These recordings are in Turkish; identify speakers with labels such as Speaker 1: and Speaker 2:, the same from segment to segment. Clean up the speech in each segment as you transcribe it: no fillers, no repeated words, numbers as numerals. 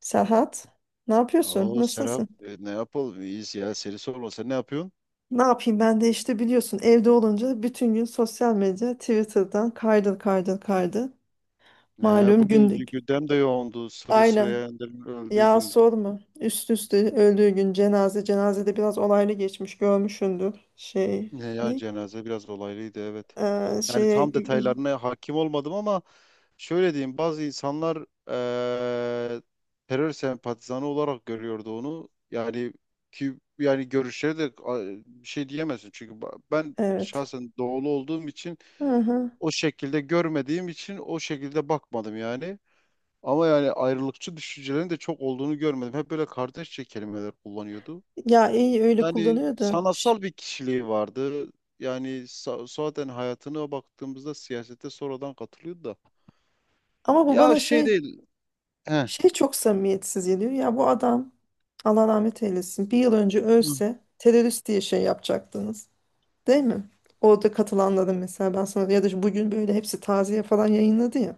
Speaker 1: Serhat, ne yapıyorsun?
Speaker 2: Oo Serap,
Speaker 1: Nasılsın?
Speaker 2: ne yapalım iyiyiz ya, seni sorma, sen ne yapıyorsun?
Speaker 1: Ne yapayım ben de işte biliyorsun evde olunca bütün gün sosyal medya Twitter'dan kaydır kaydır kaydır.
Speaker 2: He,
Speaker 1: Malum
Speaker 2: bugün
Speaker 1: günlük.
Speaker 2: gündem de yoğundu. Sırrı
Speaker 1: Aynen.
Speaker 2: Süreyya Önder'in öldüğü
Speaker 1: Ya
Speaker 2: gün
Speaker 1: sorma. Üst üste öldüğü gün cenaze. Cenazede biraz olaylı geçmiş görmüşsündür. Şey
Speaker 2: ne ya,
Speaker 1: ne?
Speaker 2: cenaze biraz olaylıydı, evet. Yani
Speaker 1: Şeye
Speaker 2: tam detaylarına hakim olmadım ama şöyle diyeyim, bazı insanlar eee, terör sempatizanı olarak görüyordu onu. Yani ki yani görüşleri de, bir şey diyemezsin çünkü ben
Speaker 1: evet.
Speaker 2: şahsen doğulu olduğum için,
Speaker 1: Hı hı.
Speaker 2: o şekilde görmediğim için o şekilde bakmadım yani. Ama yani ayrılıkçı düşüncelerin de çok olduğunu görmedim. Hep böyle kardeşçe kelimeler kullanıyordu.
Speaker 1: Ya iyi öyle
Speaker 2: Yani
Speaker 1: kullanıyor da.
Speaker 2: sanatsal bir kişiliği vardı. Yani zaten hayatına baktığımızda siyasete sonradan katılıyordu da.
Speaker 1: Ama bu
Speaker 2: Ya
Speaker 1: bana
Speaker 2: şey
Speaker 1: şey.
Speaker 2: değil. He.
Speaker 1: Şey çok samimiyetsiz geliyor. Ya bu adam Allah rahmet eylesin. Bir yıl önce
Speaker 2: Hı.
Speaker 1: ölse terörist diye şey yapacaktınız. Değil mi? Orada katılanların mesela ben sana ya da bugün böyle hepsi taziye falan yayınladı ya.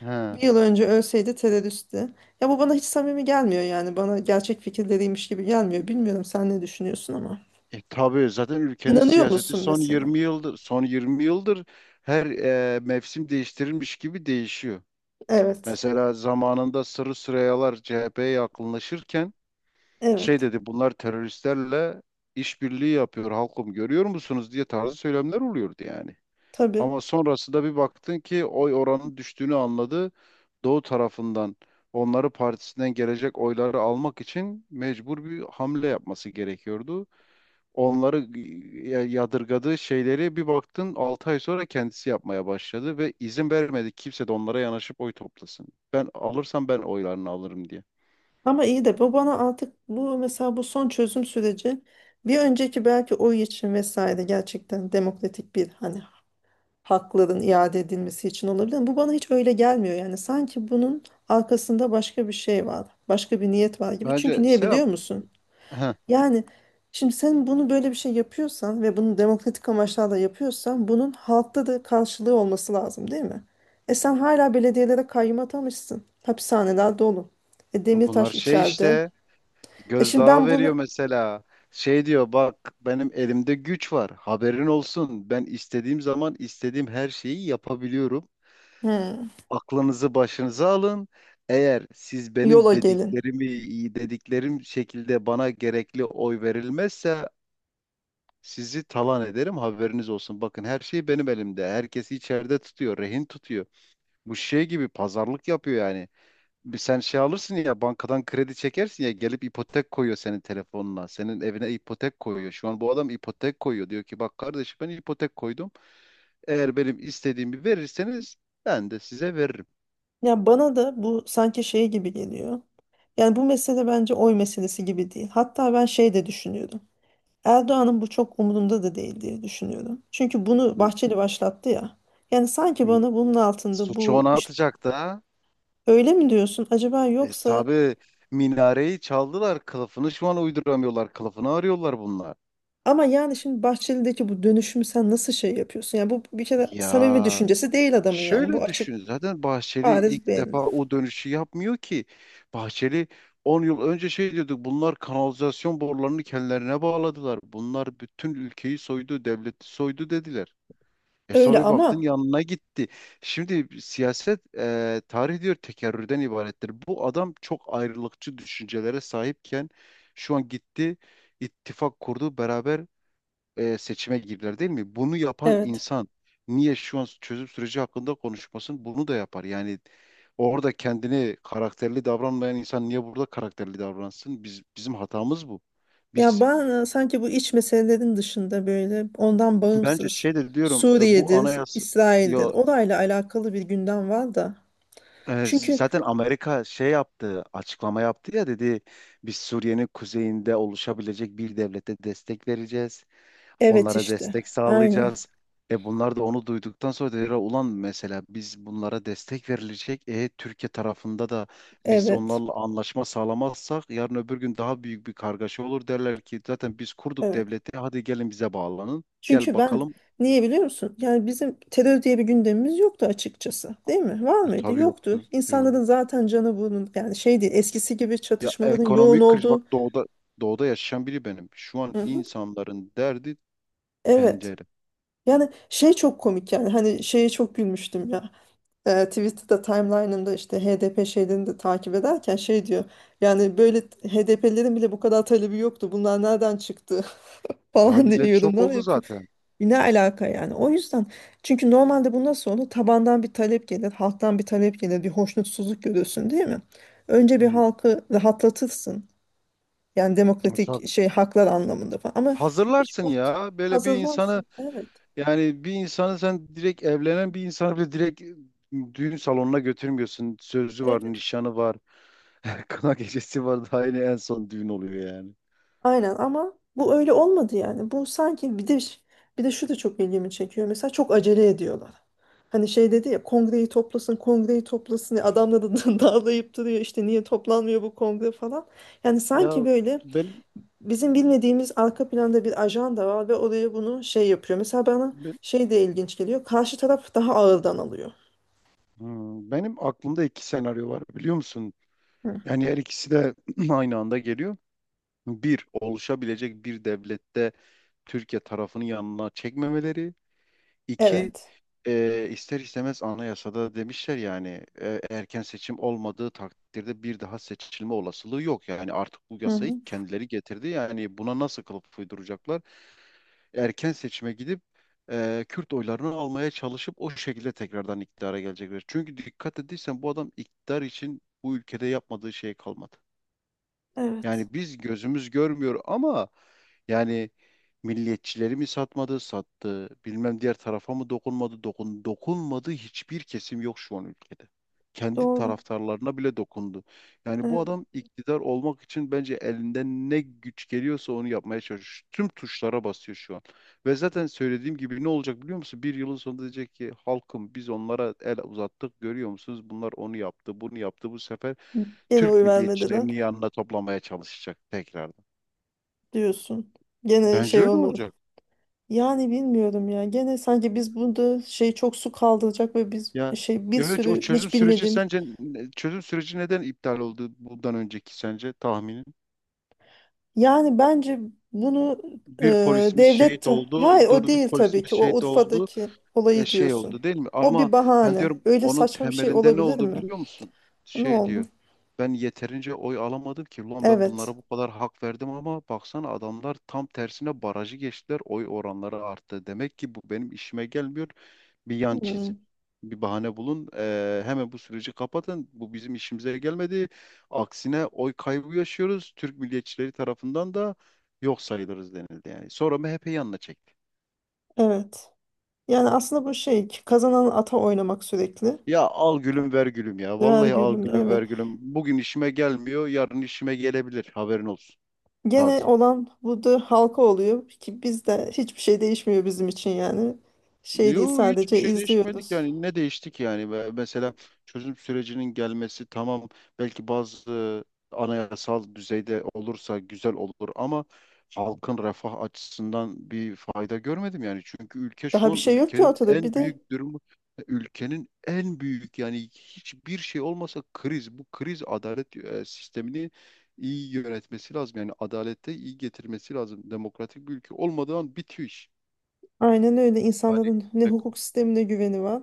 Speaker 2: He.
Speaker 1: Bir yıl önce ölseydi teröristti. Ya bu bana hiç samimi gelmiyor yani. Bana gerçek fikirleriymiş gibi gelmiyor. Bilmiyorum sen ne düşünüyorsun ama.
Speaker 2: E, tabii zaten ülkenin
Speaker 1: İnanıyor
Speaker 2: siyaseti
Speaker 1: musun
Speaker 2: son
Speaker 1: mesela?
Speaker 2: 20 yıldır, son 20 yıldır her mevsim değiştirilmiş gibi değişiyor.
Speaker 1: Evet.
Speaker 2: Mesela zamanında Sırrı Süreyyalar CHP'ye yakınlaşırken şey
Speaker 1: Evet.
Speaker 2: dedi, bunlar teröristlerle işbirliği yapıyor, halkım görüyor musunuz diye, tarzı söylemler oluyordu yani.
Speaker 1: Tabii.
Speaker 2: Ama sonrasında bir baktın ki oy oranının düştüğünü anladı. Doğu tarafından onları, partisinden gelecek oyları almak için mecbur bir hamle yapması gerekiyordu. Onları yadırgadığı şeyleri bir baktın 6 ay sonra kendisi yapmaya başladı ve izin vermedi kimse de onlara yanaşıp oy toplasın. Ben alırsam ben oylarını alırım diye.
Speaker 1: Ama iyi de bu bana artık bu mesela bu son çözüm süreci bir önceki belki oy için vesaire gerçekten demokratik bir hani hakların iade edilmesi için olabilir. Ama bu bana hiç öyle gelmiyor yani sanki bunun arkasında başka bir şey var, başka bir niyet var gibi. Çünkü
Speaker 2: Bence
Speaker 1: niye
Speaker 2: Serap,
Speaker 1: biliyor musun?
Speaker 2: heh,
Speaker 1: Yani şimdi sen bunu böyle bir şey yapıyorsan ve bunu demokratik amaçlarla yapıyorsan bunun halkta da karşılığı olması lazım değil mi? E sen hala belediyelere kayyum atamışsın. Hapishaneler dolu.
Speaker 2: bunlar
Speaker 1: Demirtaş
Speaker 2: şey
Speaker 1: içeride.
Speaker 2: işte,
Speaker 1: E şimdi
Speaker 2: gözdağı
Speaker 1: ben
Speaker 2: veriyor
Speaker 1: bunu.
Speaker 2: mesela. Şey diyor, bak benim elimde güç var, haberin olsun. Ben istediğim zaman istediğim her şeyi yapabiliyorum.
Speaker 1: Hmm,
Speaker 2: Aklınızı başınıza alın. Eğer siz benim
Speaker 1: yola gelin.
Speaker 2: dediklerimi, dediklerim şekilde bana gerekli oy verilmezse sizi talan ederim, haberiniz olsun. Bakın her şey benim elimde. Herkesi içeride tutuyor, rehin tutuyor. Bu şey gibi pazarlık yapıyor yani, bir sen şey alırsın ya, bankadan kredi çekersin ya, gelip ipotek koyuyor senin telefonuna. Senin evine ipotek koyuyor. Şu an bu adam ipotek koyuyor. Diyor ki bak kardeşim, ben ipotek koydum. Eğer benim istediğimi verirseniz ben de size veririm.
Speaker 1: Ya bana da bu sanki şey gibi geliyor. Yani bu mesele bence oy meselesi gibi değil. Hatta ben şey de düşünüyordum. Erdoğan'ın bu çok umurunda da değil diye düşünüyorum. Çünkü bunu
Speaker 2: M-
Speaker 1: Bahçeli başlattı ya. Yani sanki
Speaker 2: m-
Speaker 1: bana bunun altında
Speaker 2: Suçu
Speaker 1: bu
Speaker 2: ona
Speaker 1: işte
Speaker 2: atacak da.
Speaker 1: öyle mi diyorsun acaba
Speaker 2: E,
Speaker 1: yoksa
Speaker 2: tabii minareyi çaldılar, kılıfını şu an uyduramıyorlar. Kılıfını arıyorlar bunlar.
Speaker 1: ama yani şimdi Bahçeli'deki bu dönüşümü sen nasıl şey yapıyorsun? Yani bu bir kere samimi
Speaker 2: Ya
Speaker 1: düşüncesi değil adamın yani bu
Speaker 2: şöyle
Speaker 1: açık
Speaker 2: düşün, zaten Bahçeli
Speaker 1: bariz
Speaker 2: ilk
Speaker 1: belli.
Speaker 2: defa o dönüşü yapmıyor ki. Bahçeli 10 yıl önce şey diyorduk, bunlar kanalizasyon borularını kendilerine bağladılar, bunlar bütün ülkeyi soydu, devleti soydu dediler. E
Speaker 1: Öyle
Speaker 2: sonra bir baktın
Speaker 1: ama
Speaker 2: yanına gitti. Şimdi siyaset, tarih diyor, tekerrürden ibarettir. Bu adam çok ayrılıkçı düşüncelere sahipken şu an gitti, ittifak kurdu, beraber seçime girdiler değil mi? Bunu yapan
Speaker 1: evet.
Speaker 2: insan niye şu an çözüm süreci hakkında konuşmasın? Bunu da yapar. Yani orada kendini karakterli davranmayan insan niye burada karakterli davransın? Bizim hatamız bu.
Speaker 1: Ya
Speaker 2: Biz
Speaker 1: ben sanki bu iç meselelerin dışında böyle ondan
Speaker 2: bence
Speaker 1: bağımsız
Speaker 2: şey de diyorum, bu
Speaker 1: Suriye'dir,
Speaker 2: anayasa
Speaker 1: İsrail'dir
Speaker 2: ya,
Speaker 1: orayla alakalı bir gündem var da. Çünkü
Speaker 2: zaten Amerika şey yaptı, açıklama yaptı ya, dedi biz Suriye'nin kuzeyinde oluşabilecek bir devlete destek vereceğiz,
Speaker 1: evet
Speaker 2: onlara
Speaker 1: işte
Speaker 2: destek
Speaker 1: aynı
Speaker 2: sağlayacağız. E bunlar da onu duyduktan sonra dediler, ulan mesela biz bunlara destek verilecek. E Türkiye tarafında da biz
Speaker 1: evet
Speaker 2: onlarla anlaşma sağlamazsak yarın öbür gün daha büyük bir kargaşa olur, derler ki zaten biz kurduk
Speaker 1: evet.
Speaker 2: devleti, hadi gelin bize bağlanın. Gel
Speaker 1: Çünkü ben
Speaker 2: bakalım.
Speaker 1: niye biliyor musun? Yani bizim terör diye bir gündemimiz yoktu açıkçası değil mi? Var
Speaker 2: E,
Speaker 1: mıydı?
Speaker 2: tabii
Speaker 1: Yoktu.
Speaker 2: yoktu. Yok.
Speaker 1: İnsanların zaten canı bunun yani şey değil eskisi gibi
Speaker 2: Ya
Speaker 1: çatışmaların yoğun
Speaker 2: ekonomik kriz, bak
Speaker 1: olduğu.
Speaker 2: doğuda yaşayan biri benim. Şu
Speaker 1: Hı
Speaker 2: an
Speaker 1: hı.
Speaker 2: insanların derdi
Speaker 1: Evet.
Speaker 2: tencere.
Speaker 1: Yani şey çok komik yani hani şeye çok gülmüştüm ya. Twitter'da timeline'ında işte HDP şeylerini de takip ederken şey diyor. Yani böyle HDP'lerin bile bu kadar talebi yoktu. Bunlar nereden çıktı
Speaker 2: Ya
Speaker 1: falan diye
Speaker 2: millet şok
Speaker 1: yorumlar
Speaker 2: oldu
Speaker 1: yapıyor.
Speaker 2: zaten.
Speaker 1: E, ne alaka yani? O yüzden çünkü normalde bu nasıl olur? Tabandan bir talep gelir, halktan bir talep gelir, bir hoşnutsuzluk görürsün değil mi? Önce bir
Speaker 2: Hı,
Speaker 1: halkı rahatlatırsın. Yani demokratik
Speaker 2: tabii.
Speaker 1: şey haklar anlamında falan. Ama hiç
Speaker 2: Hazırlarsın
Speaker 1: bu
Speaker 2: ya böyle bir insanı.
Speaker 1: hazırlansın. Evet.
Speaker 2: Yani bir insanı sen direkt, evlenen bir insanı bile direkt düğün salonuna götürmüyorsun. Sözü var,
Speaker 1: Evet.
Speaker 2: nişanı var, kına gecesi var. Daha yine en son düğün oluyor yani.
Speaker 1: Aynen ama bu öyle olmadı yani. Bu sanki bir de bir de şu da çok ilgimi çekiyor. Mesela çok acele ediyorlar. Hani şey dedi ya kongreyi toplasın, kongreyi toplasın. Adamla da dağlayıp duruyor işte niye toplanmıyor bu kongre falan. Yani sanki
Speaker 2: Ya.
Speaker 1: böyle
Speaker 2: ben,
Speaker 1: bizim bilmediğimiz arka planda bir ajanda var ve oraya bunu şey yapıyor. Mesela bana
Speaker 2: ben
Speaker 1: şey de ilginç geliyor. Karşı taraf daha ağırdan alıyor.
Speaker 2: Benim aklımda iki senaryo var biliyor musun?
Speaker 1: Hı.
Speaker 2: Yani her ikisi de aynı anda geliyor. Bir, oluşabilecek bir devlette Türkiye tarafını yanına çekmemeleri. İki,
Speaker 1: Evet.
Speaker 2: ister istemez anayasada demişler yani erken seçim olmadığı takdirde bir daha seçilme olasılığı yok. Yani artık bu
Speaker 1: Hı
Speaker 2: yasayı
Speaker 1: hı.
Speaker 2: kendileri getirdi. Yani buna nasıl kılıf uyduracaklar? Erken seçime gidip Kürt oylarını almaya çalışıp o şekilde tekrardan iktidara gelecekler. Çünkü dikkat ettiysen bu adam iktidar için bu ülkede yapmadığı şey kalmadı.
Speaker 1: Evet.
Speaker 2: Yani biz gözümüz görmüyor ama yani milliyetçileri mi satmadı, sattı, bilmem diğer tarafa mı dokunmadı, dokunmadı, hiçbir kesim yok şu an ülkede. Kendi
Speaker 1: Doğru.
Speaker 2: taraftarlarına bile dokundu. Yani bu
Speaker 1: Evet.
Speaker 2: adam iktidar olmak için bence elinden ne güç geliyorsa onu yapmaya çalışıyor. Tüm tuşlara basıyor şu an. Ve zaten söylediğim gibi ne olacak biliyor musun? Bir yılın sonunda diyecek ki halkım, biz onlara el uzattık, görüyor musunuz? Bunlar onu yaptı, bunu yaptı bu sefer.
Speaker 1: Gene
Speaker 2: Türk
Speaker 1: oy vermediler
Speaker 2: milliyetçilerini yanına toplamaya çalışacak tekrardan.
Speaker 1: diyorsun. Gene
Speaker 2: Bence
Speaker 1: şey
Speaker 2: öyle
Speaker 1: olmadı.
Speaker 2: olacak.
Speaker 1: Yani bilmiyorum ya. Gene sanki biz burada şey çok su kaldıracak ve biz
Speaker 2: Ya
Speaker 1: şey bir
Speaker 2: ya hiç o
Speaker 1: sürü
Speaker 2: çözüm
Speaker 1: hiç
Speaker 2: süreci
Speaker 1: bilmediğimiz.
Speaker 2: sence, çözüm süreci neden iptal oldu bundan önceki, sence tahminin?
Speaker 1: Yani bence bunu e,
Speaker 2: Bir polisimiz
Speaker 1: devlet
Speaker 2: şehit
Speaker 1: hayır
Speaker 2: oldu,
Speaker 1: o
Speaker 2: dur, bir
Speaker 1: değil tabii
Speaker 2: polisimiz
Speaker 1: ki. O
Speaker 2: şehit oldu,
Speaker 1: Urfa'daki olayı
Speaker 2: şey
Speaker 1: diyorsun.
Speaker 2: oldu değil mi?
Speaker 1: O
Speaker 2: Ama
Speaker 1: bir
Speaker 2: ben
Speaker 1: bahane.
Speaker 2: diyorum
Speaker 1: Öyle
Speaker 2: onun
Speaker 1: saçma bir şey
Speaker 2: temelinde ne
Speaker 1: olabilir
Speaker 2: oldu
Speaker 1: mi?
Speaker 2: biliyor musun?
Speaker 1: Ne
Speaker 2: Şey
Speaker 1: oldu?
Speaker 2: diyor, ben yeterince oy alamadım ki. Ulan ben
Speaker 1: Evet.
Speaker 2: bunlara bu kadar hak verdim ama baksana adamlar tam tersine barajı geçtiler, oy oranları arttı. Demek ki bu benim işime gelmiyor. Bir yan
Speaker 1: Hmm,
Speaker 2: çizin. Bir bahane bulun. Hemen bu süreci kapatın. Bu bizim işimize gelmedi. Aksine oy kaybı yaşıyoruz. Türk milliyetçileri tarafından da yok sayılırız denildi yani. Sonra MHP yanına çekti.
Speaker 1: evet. Yani aslında bu şey kazanan ata oynamak sürekli.
Speaker 2: Ya al gülüm ver gülüm ya.
Speaker 1: Ver
Speaker 2: Vallahi al
Speaker 1: gülüm.
Speaker 2: gülüm ver
Speaker 1: Evet.
Speaker 2: gülüm. Bugün işime gelmiyor, yarın işime gelebilir, haberin olsun.
Speaker 1: Gene
Speaker 2: Tarzı.
Speaker 1: olan budur halka oluyor ki bizde hiçbir şey değişmiyor bizim için yani. Şey değil
Speaker 2: Yo hiçbir
Speaker 1: sadece
Speaker 2: şey değişmedik
Speaker 1: izliyoruz.
Speaker 2: yani, ne değiştik yani. Ve mesela çözüm sürecinin gelmesi tamam, belki bazı anayasal düzeyde olursa güzel olur ama halkın refah açısından bir fayda görmedim yani, çünkü ülke şu
Speaker 1: Daha bir
Speaker 2: an,
Speaker 1: şey yok ki
Speaker 2: ülkenin
Speaker 1: ortada. Bir
Speaker 2: en
Speaker 1: de
Speaker 2: büyük durumu, ülkenin en büyük, yani hiçbir şey olmasa kriz, bu kriz, adalet sistemini iyi yönetmesi lazım yani, adalete iyi getirmesi lazım, demokratik bir ülke olmadan bitiyor iş.
Speaker 1: Aynen öyle
Speaker 2: Yani
Speaker 1: insanların ne hukuk sistemine güveni var,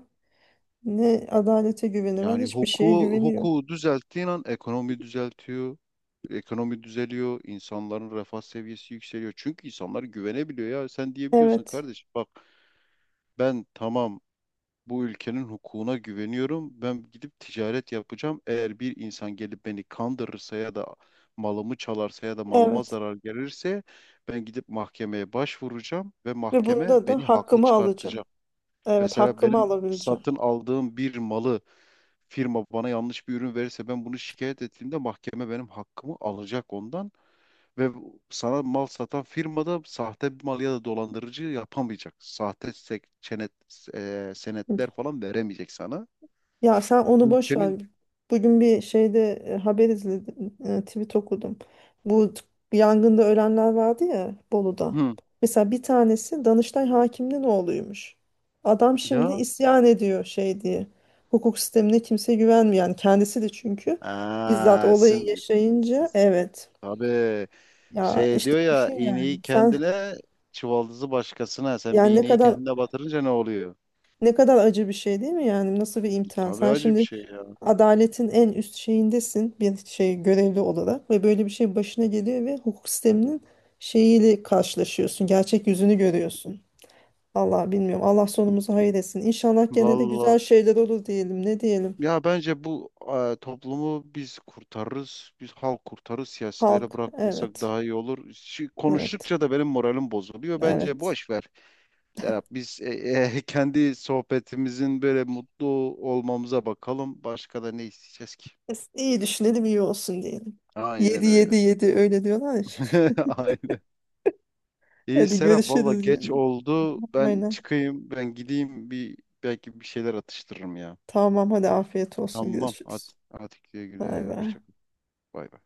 Speaker 1: ne adalete güveni var,
Speaker 2: Yani
Speaker 1: hiçbir şeye
Speaker 2: hukuku,
Speaker 1: güveni yok.
Speaker 2: hukuku düzelttiğin an ekonomi düzeltiyor. Ekonomi düzeliyor, insanların refah seviyesi yükseliyor. Çünkü insanlar güvenebiliyor ya. Sen diyebiliyorsun
Speaker 1: Evet.
Speaker 2: kardeş, bak ben tamam, bu ülkenin hukukuna güveniyorum, ben gidip ticaret yapacağım. Eğer bir insan gelip beni kandırırsa ya da malımı çalarsa ya da malıma
Speaker 1: Evet.
Speaker 2: zarar gelirse ben gidip mahkemeye başvuracağım ve
Speaker 1: Ve
Speaker 2: mahkeme
Speaker 1: bunda da
Speaker 2: beni haklı
Speaker 1: hakkımı alacağım.
Speaker 2: çıkartacak.
Speaker 1: Evet,
Speaker 2: Mesela
Speaker 1: hakkımı
Speaker 2: benim
Speaker 1: alabileceğim.
Speaker 2: satın aldığım bir malı firma bana yanlış bir ürün verirse ben bunu şikayet ettiğimde mahkeme benim hakkımı alacak ondan, ve sana mal satan firma da sahte bir mal ya da dolandırıcı yapamayacak. Sahte
Speaker 1: Hı.
Speaker 2: senetler falan veremeyecek sana.
Speaker 1: Ya sen onu boş ver.
Speaker 2: Ülkenin
Speaker 1: Bugün bir şeyde haber izledim, tweet okudum. Bu t- yangında ölenler vardı ya Bolu'da.
Speaker 2: hı.
Speaker 1: Mesela bir tanesi Danıştay hakiminin oğluymuş. Adam şimdi
Speaker 2: Ya.
Speaker 1: isyan ediyor şey diye. Hukuk sistemine kimse güvenmiyor. Yani kendisi de çünkü bizzat
Speaker 2: Aa,
Speaker 1: olayı yaşayınca
Speaker 2: siz,
Speaker 1: evet.
Speaker 2: tabii,
Speaker 1: Ya
Speaker 2: şey
Speaker 1: işte
Speaker 2: diyor ya,
Speaker 1: düşün
Speaker 2: iğneyi
Speaker 1: yani sen
Speaker 2: kendine çuvaldızı başkasına, sen bir
Speaker 1: yani ne
Speaker 2: iğneyi
Speaker 1: kadar
Speaker 2: kendine batırınca ne oluyor?
Speaker 1: ne kadar acı bir şey değil mi yani nasıl bir imtihan
Speaker 2: Tabii
Speaker 1: sen
Speaker 2: acı bir
Speaker 1: şimdi
Speaker 2: şey ya.
Speaker 1: adaletin en üst şeyindesin bir şey görevli olarak ve böyle bir şey başına geliyor ve hukuk sisteminin şeyiyle karşılaşıyorsun gerçek yüzünü görüyorsun. Allah bilmiyorum Allah sonumuzu hayır etsin. İnşallah gene de
Speaker 2: Valla
Speaker 1: güzel şeyler olur diyelim ne diyelim.
Speaker 2: ya, bence bu toplumu biz kurtarırız. Biz halk kurtarırız. Siyasilere
Speaker 1: Halk
Speaker 2: bırakmasak
Speaker 1: evet
Speaker 2: daha iyi olur. Şu,
Speaker 1: evet
Speaker 2: konuştukça da benim moralim bozuluyor. Bence
Speaker 1: evet.
Speaker 2: boş ver. Serap, biz kendi sohbetimizin böyle mutlu olmamıza bakalım. Başka da ne isteyeceğiz ki?
Speaker 1: İyi düşünelim iyi olsun diyelim. Yedi
Speaker 2: Aynen
Speaker 1: yedi
Speaker 2: öyle.
Speaker 1: yedi öyle diyorlar ya.
Speaker 2: Aynen. İyi
Speaker 1: Hadi
Speaker 2: Serap, valla
Speaker 1: görüşürüz
Speaker 2: geç
Speaker 1: yani
Speaker 2: oldu. Ben
Speaker 1: aynen.
Speaker 2: çıkayım, ben gideyim, bir belki bir şeyler atıştırırım ya.
Speaker 1: Tamam hadi afiyet olsun
Speaker 2: Tamam. At,
Speaker 1: görüşürüz.
Speaker 2: atik güle
Speaker 1: Bay
Speaker 2: güle.
Speaker 1: bay.
Speaker 2: Hoşça kal. Bay bay.